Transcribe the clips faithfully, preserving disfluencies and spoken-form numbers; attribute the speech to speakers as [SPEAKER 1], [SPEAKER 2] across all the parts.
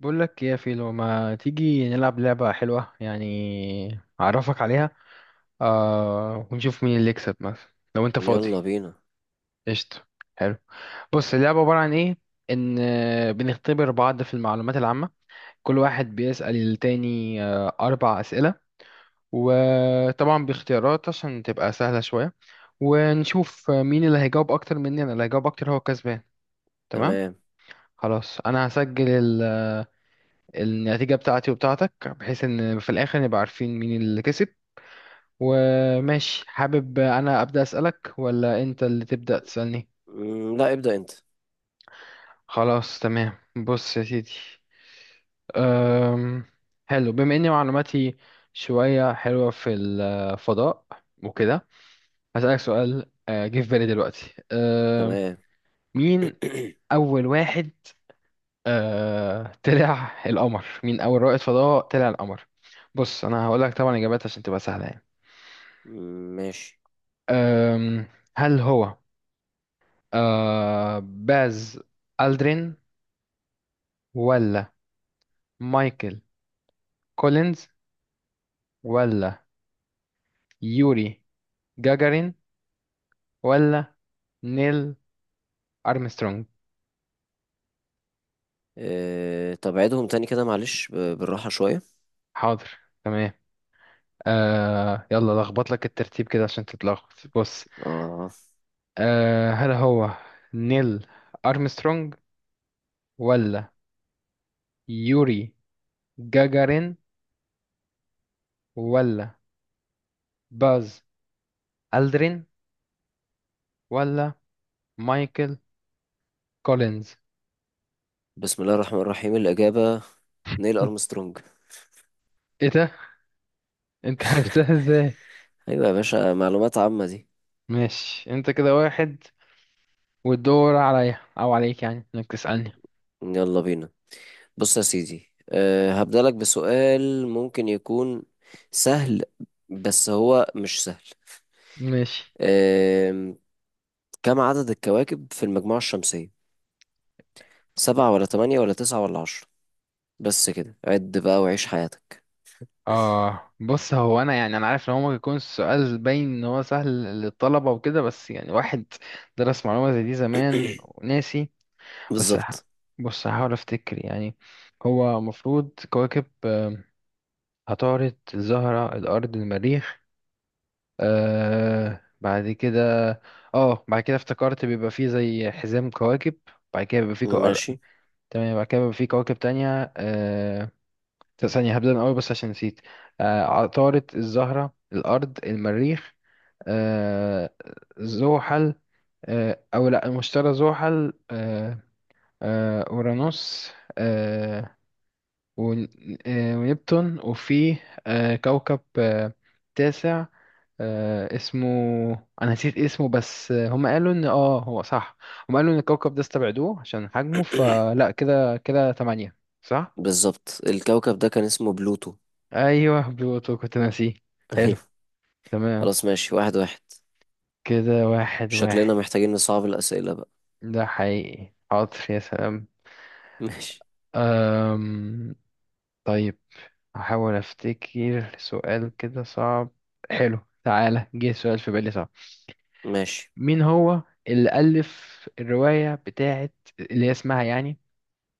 [SPEAKER 1] بقول لك يا فيلو ما تيجي نلعب لعبة حلوة يعني أعرفك عليها. آه ونشوف مين اللي يكسب مثلا لو أنت فاضي.
[SPEAKER 2] يلا بينا.
[SPEAKER 1] قشطة. حلو. بص اللعبة عبارة عن إيه؟ إن آه، بنختبر بعض في المعلومات العامة. كل واحد بيسأل التاني آه أربع أسئلة، وطبعا باختيارات عشان تبقى سهلة شوية، ونشوف مين اللي هيجاوب أكتر. مني أنا اللي هيجاوب أكتر هو كسبان، تمام.
[SPEAKER 2] تمام.
[SPEAKER 1] خلاص أنا هسجل النتيجة بتاعتي وبتاعتك بحيث ان في الاخر نبقى عارفين مين اللي كسب. وماشي حابب انا ابدأ اسألك ولا انت اللي تبدأ تسألني؟
[SPEAKER 2] مم، لا ابدأ انت.
[SPEAKER 1] خلاص تمام. بص يا سيدي. أم... حلو بما اني معلوماتي شوية حلوة في الفضاء وكده. هسألك سؤال، آه، جه في بالي دلوقتي. أم...
[SPEAKER 2] تمام.
[SPEAKER 1] مين اول واحد آه... طلع القمر مين اول رائد فضاء طلع القمر؟ بص انا هقول لك طبعا اجابات عشان تبقى سهلة يعني.
[SPEAKER 2] مم، ماشي.
[SPEAKER 1] أم، هل هو أه باز ألدرين، ولا مايكل كولينز، ولا يوري جاجارين، ولا نيل أرمسترونج؟
[SPEAKER 2] اه طب عيدهم تاني كده، معلش ب- بالراحة شوية.
[SPEAKER 1] حاضر. تمام. أه يلا لخبط لك الترتيب كده عشان تتلخبط. بص،
[SPEAKER 2] اه
[SPEAKER 1] أه هل هو نيل أرمسترونج، ولا يوري جاجارين، ولا باز ألدرين، ولا مايكل كولينز؟
[SPEAKER 2] بسم الله الرحمن الرحيم الإجابة نيل أرمسترونج.
[SPEAKER 1] ايه ده، انت عرفتها ازاي؟
[SPEAKER 2] أيوة يا باشا، معلومات عامة دي.
[SPEAKER 1] ماشي انت كده واحد. والدور عليا او عليك يعني انك تسألني.
[SPEAKER 2] يلا بينا. بص يا سيدي، أه هبدأ لك بسؤال ممكن يكون سهل، بس هو مش سهل.
[SPEAKER 1] ماشي.
[SPEAKER 2] أه كم عدد الكواكب في المجموعة الشمسية؟ سبعة ولا تمانية ولا تسعة ولا عشرة؟ بس كده عد بقى وعيش حياتك.
[SPEAKER 1] اه بص هو انا يعني انا عارف ان هو ممكن يكون السؤال باين ان هو سهل للطلبة وكده، بس يعني واحد درس معلومة زي دي زمان وناسي. بس ه-
[SPEAKER 2] بالظبط.
[SPEAKER 1] بص هحاول افتكر يعني. هو المفروض كواكب، آه، عطارد الزهرة الارض المريخ، آه بعد كده، اه بعد كده افتكرت بيبقى فيه زي حزام كواكب. بعد كده بيبقى فيه.
[SPEAKER 2] ماشي.
[SPEAKER 1] تمام بعد كده بيبقى في كواكب تانية. آه... ثانية هبدأ من الأول بس عشان نسيت. آه... عطارد الزهرة الأرض المريخ، آه... زحل، آه... أو لأ المشتري زحل، آه... آه... أورانوس، آه... ون... آه... ونبتون، وفي آه... كوكب آه... تاسع، آه... اسمه. أنا نسيت اسمه بس آه، هم قالوا إن آه هو صح. هم قالوا إن الكوكب ده استبعدوه عشان حجمه فلأ كده كده تمانية، صح؟
[SPEAKER 2] بالظبط الكوكب ده كان اسمه بلوتو.
[SPEAKER 1] ايوه بلوتو كنت ناسيه. حلو.
[SPEAKER 2] ايوه.
[SPEAKER 1] تمام.
[SPEAKER 2] خلاص ماشي واحد واحد.
[SPEAKER 1] كده واحد
[SPEAKER 2] شكلنا
[SPEAKER 1] واحد.
[SPEAKER 2] محتاجين نصعب الأسئلة بقى.
[SPEAKER 1] ده حقيقي حاضر يا سلام.
[SPEAKER 2] ماشي.
[SPEAKER 1] أم... طيب هحاول افتكر سؤال كده صعب. حلو. تعالى جه سؤال في بالي صعب.
[SPEAKER 2] ماشي.
[SPEAKER 1] مين هو اللي ألف الرواية بتاعت اللي هي اسمها يعني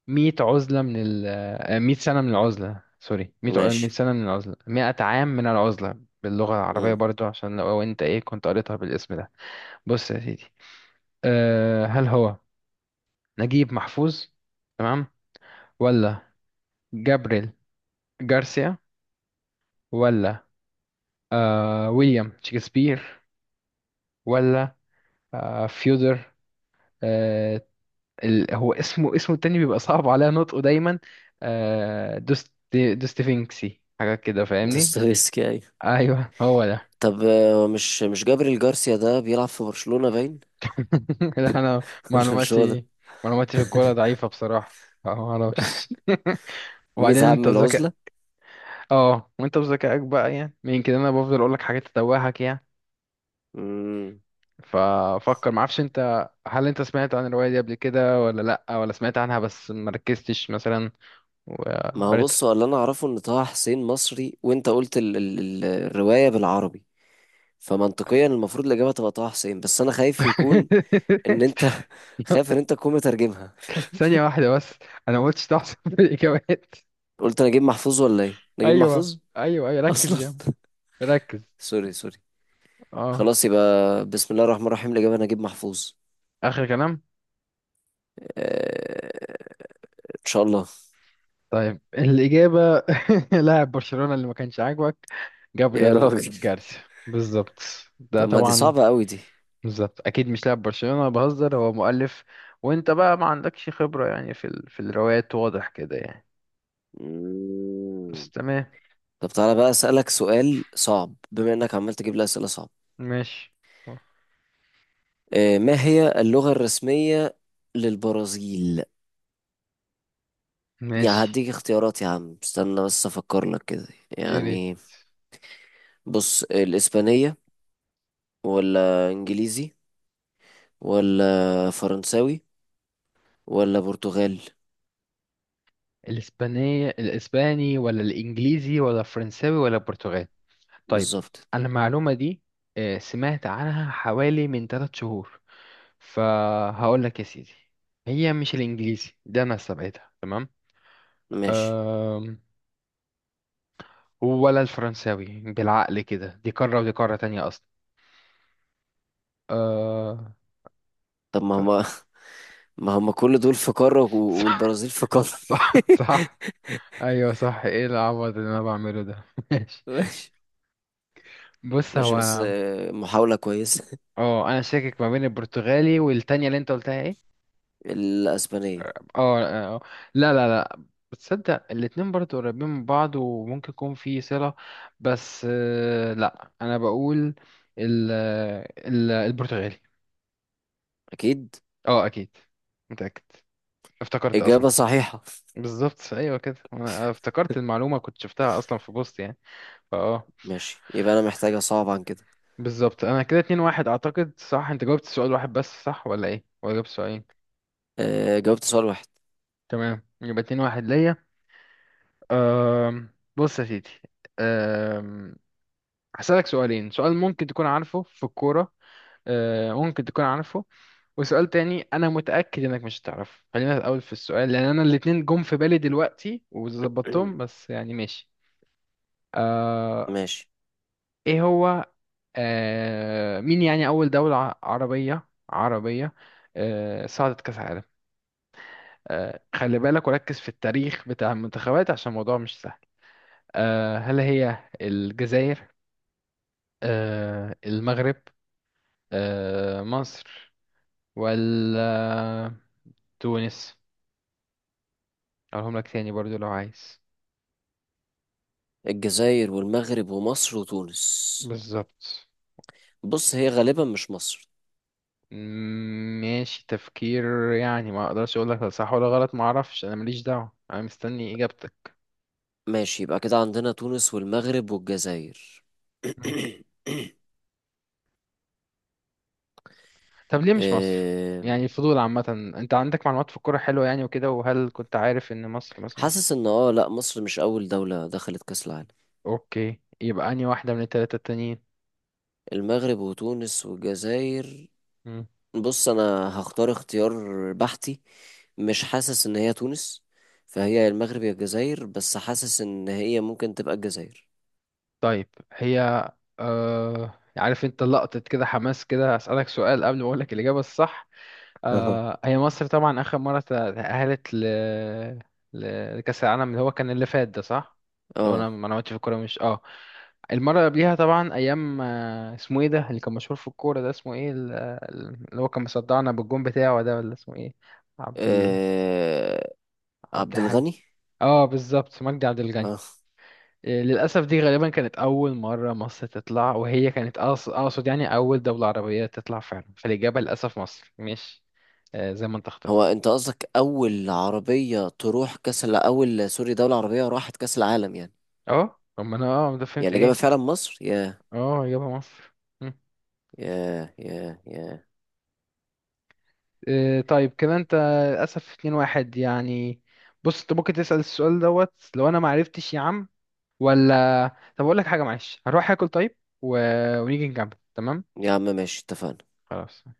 [SPEAKER 1] مئة عزلة من ال مئة سنة من العزلة، سوري، مئة ع- مئة
[SPEAKER 2] ماشي.
[SPEAKER 1] سنة من العزلة، مئة عام من العزلة باللغة العربية
[SPEAKER 2] امم.
[SPEAKER 1] برضو عشان لو انت ايه كنت قريتها بالاسم ده؟ بص يا سيدي. أه هل هو نجيب محفوظ، تمام، ولا جابريل جارسيا، ولا أه ويليام شكسبير، ولا أه فيودر أه ال هو اسمه اسمه التاني بيبقى صعب عليا نطقه دايما، أه دوست دوستيفينكسي حاجة كده فاهمني؟
[SPEAKER 2] دوستويفسكي ايوه.
[SPEAKER 1] ايوه هو ده.
[SPEAKER 2] طب آه، مش مش جابريل جارسيا ده بيلعب في برشلونة باين؟
[SPEAKER 1] لا انا
[SPEAKER 2] ولا مش هو ده؟
[SPEAKER 1] معلوماتي معلوماتي في الكورة ضعيفة بصراحة. ما اعرفش
[SPEAKER 2] مية
[SPEAKER 1] وبعدين انت
[SPEAKER 2] عام
[SPEAKER 1] ذكاء.
[SPEAKER 2] العزلة.
[SPEAKER 1] اه وانت بذكائك بقى يعني يمكن انا بفضل اقولك حاجات تتوهك يعني.
[SPEAKER 2] امم،
[SPEAKER 1] ففكر معرفش انت هل انت سمعت عن الرواية دي قبل كده، ولا لأ ولا سمعت عنها بس مركزتش مثلا
[SPEAKER 2] ما هو
[SPEAKER 1] وقريتها؟
[SPEAKER 2] بص هو اللي انا اعرفه ان طه حسين مصري وانت قلت ال ال ال- الرواية بالعربي، فمنطقيا المفروض الاجابه تبقى طه حسين، بس انا خايف يكون ان انت، خايف ان انت تكون مترجمها.
[SPEAKER 1] ثانية واحدة بس. انا ما قلتش تحسب في الاجابات.
[SPEAKER 2] قلت نجيب محفوظ ولا ايه؟ نجيب
[SPEAKER 1] ايوه،
[SPEAKER 2] محفوظ
[SPEAKER 1] ايوه، ايوه، ركز
[SPEAKER 2] اصلا.
[SPEAKER 1] يا عم. ركز.
[SPEAKER 2] سوري سوري.
[SPEAKER 1] اه.
[SPEAKER 2] خلاص يبقى بسم الله الرحمن الرحيم الاجابه نجيب محفوظ.
[SPEAKER 1] اخر كلام.
[SPEAKER 2] آه، ان شاء الله.
[SPEAKER 1] طيب الإجابة لاعب برشلونة اللي ما كانش عاجبك،
[SPEAKER 2] يا
[SPEAKER 1] جابرييل
[SPEAKER 2] راجل،
[SPEAKER 1] جارسيا. بالظبط. ده
[SPEAKER 2] طب ما دي
[SPEAKER 1] طبعا
[SPEAKER 2] صعبه قوي دي.
[SPEAKER 1] بالظبط اكيد مش لاعب برشلونة، بهزر، هو مؤلف. وانت بقى ما عندكش خبرة يعني في ال... في الروايات، واضح كده يعني.
[SPEAKER 2] مم.
[SPEAKER 1] بس تمام.
[SPEAKER 2] طب تعالى بقى اسالك سؤال صعب بما انك عمال تجيب لي اسئله صعبه.
[SPEAKER 1] ماشي.
[SPEAKER 2] آه، ما هي اللغه الرسميه للبرازيل؟ يا
[SPEAKER 1] ماشي.
[SPEAKER 2] هديك اختيارات يا عم، استنى بس افكر لك كده
[SPEAKER 1] يا ريت.
[SPEAKER 2] يعني. بص الاسبانية ولا انجليزي ولا فرنساوي ولا برتغالي؟
[SPEAKER 1] الاسبانية الاسباني، ولا الانجليزي، ولا الفرنساوي، ولا البرتغالي؟ طيب.
[SPEAKER 2] بالظبط.
[SPEAKER 1] انا المعلومة دي، آه، سمعت عنها حوالي من ثلاث شهور. فهقول لك يا سيدي، هي مش الانجليزي، ده انا سبقتها تمام.
[SPEAKER 2] ماشي
[SPEAKER 1] أم... ولا الفرنساوي، بالعقل كده دي قارة ودي قارة تانية. آه...
[SPEAKER 2] طب ما
[SPEAKER 1] صح،
[SPEAKER 2] هما، ما هما كل دول في قارة و- والبرازيل في قارة.
[SPEAKER 1] صح، صح، ايوه صح، ايه العبط اللي انا بعمله ده؟ ماشي.
[SPEAKER 2] ماشي.
[SPEAKER 1] بص
[SPEAKER 2] ماشي بس
[SPEAKER 1] هو
[SPEAKER 2] آه، محاولة كويسة.
[SPEAKER 1] اه انا شاكك ما بين البرتغالي والتانية اللي انت قلتها ايه.
[SPEAKER 2] الاسبانية.
[SPEAKER 1] اه آه، آه. لا لا لا. بتصدق الاتنين برضو قريبين من بعض وممكن يكون في صلة، بس آه، لا انا بقول ال ال البرتغالي.
[SPEAKER 2] اكيد
[SPEAKER 1] اه اكيد، متأكد، افتكرت اصلا.
[SPEAKER 2] اجابة صحيحة.
[SPEAKER 1] بالظبط، ايوه كده، انا افتكرت المعلومة كنت شفتها اصلا في بوست يعني فاه.
[SPEAKER 2] ماشي يبقى انا محتاجة صعب عن كده.
[SPEAKER 1] بالظبط انا كده اتنين واحد، اعتقد صح، انت جاوبت السؤال واحد بس صح ولا ايه، ولا جاوبت سؤالين؟
[SPEAKER 2] آه، جاوبت سؤال واحد.
[SPEAKER 1] تمام يبقى اتنين واحد ليا. أم... بص يا سيدي. أم... هسألك سؤالين، سؤال ممكن تكون عارفه في الكورة، أه، ممكن تكون عارفه، وسؤال تاني انا متأكد انك مش هتعرفه، خلينا الاول في السؤال لان انا الاتنين جم في بالي دلوقتي وظبطتهم بس يعني ماشي. أه...
[SPEAKER 2] ماشي.
[SPEAKER 1] ايه هو؟ أه... مين يعني اول دولة ع- عربية عربية أه... صعدت كأس عالم؟ آه، خلي بالك وركز في التاريخ بتاع المنتخبات عشان الموضوع مش سهل. آه، هل هي الجزائر، آه، المغرب، آه، مصر، ولا تونس؟ اقولهم لك تاني برضو لو عايز.
[SPEAKER 2] الجزائر والمغرب ومصر وتونس.
[SPEAKER 1] بالظبط.
[SPEAKER 2] بص هي غالبا مش مصر.
[SPEAKER 1] مم، ماشي تفكير يعني، ما اقدرش اقول لك صح ولا غلط، ما اعرفش، انا ماليش دعوة، انا مستني اجابتك.
[SPEAKER 2] ماشي يبقى كده عندنا تونس والمغرب والجزائر.
[SPEAKER 1] مم. طب ليه مش مصر؟
[SPEAKER 2] آم،
[SPEAKER 1] يعني الفضول عامة، انت عندك معلومات في الكورة حلوة يعني وكده، وهل كنت عارف ان مصر مثلا؟
[SPEAKER 2] حاسس ان اه لا، مصر مش اول دولة دخلت كأس العالم.
[SPEAKER 1] اوكي يبقى انهي واحدة من التلاتة التانيين؟
[SPEAKER 2] المغرب وتونس والجزائر.
[SPEAKER 1] مم.
[SPEAKER 2] بص انا هختار اختيار بحتي. مش حاسس ان هي تونس، فهي يا المغرب يا الجزائر، بس حاسس ان هي ممكن تبقى الجزائر.
[SPEAKER 1] طيب هي آه... عارف انت لقطة كده حماس كده، هسألك سؤال قبل ما اقولك الإجابة الصح.
[SPEAKER 2] اها.
[SPEAKER 1] آه... هي مصر طبعا آخر مرة تأهلت ل... ل- لكأس العالم اللي هو كان اللي فات ده، صح؟ لو انا
[SPEAKER 2] اه.
[SPEAKER 1] ما عملتش في الكورة مش اه المرة اللي قبليها طبعا أيام، آه، اسمه ايه ده اللي كان مشهور في الكورة، ده اسمه ايه، ال- اللي هو كان مصدعنا بالجون بتاعه ده، ولا اسمه ايه؟ عبد ال...
[SPEAKER 2] آه،
[SPEAKER 1] عبد
[SPEAKER 2] عبد
[SPEAKER 1] حاجة.
[SPEAKER 2] الغني.
[SPEAKER 1] اه بالظبط، مجدي عبد الغني.
[SPEAKER 2] اه.
[SPEAKER 1] إيه، للأسف دي غالبا كانت أول مرة مصر تطلع، وهي كانت أقص- أقصد يعني أول دولة عربية تطلع فعلا، فالإجابة للأسف مصر مش آه، زي ما أنت
[SPEAKER 2] هو
[SPEAKER 1] اخترت.
[SPEAKER 2] انت قصدك اول عربية تروح كاس الع- اول سوري دولة عربية راحت كاس العالم يعني؟
[SPEAKER 1] أه أما أنا أه ده
[SPEAKER 2] يعني
[SPEAKER 1] فهمت
[SPEAKER 2] اللي جابها
[SPEAKER 1] إيه.
[SPEAKER 2] فعلا مصر. يا
[SPEAKER 1] أه إجابة مصر. مم.
[SPEAKER 2] يا يا يا
[SPEAKER 1] إيه، طيب كده أنت للأسف اتنين واحد يعني. بص أنت ممكن تسأل السؤال دوت لو أنا معرفتش يا عم، ولا طب أقول لك حاجة معلش هروح آكل طيب و... ونيجي نكمل، تمام.
[SPEAKER 2] يا عم ماشي اتفقنا.
[SPEAKER 1] خلاص.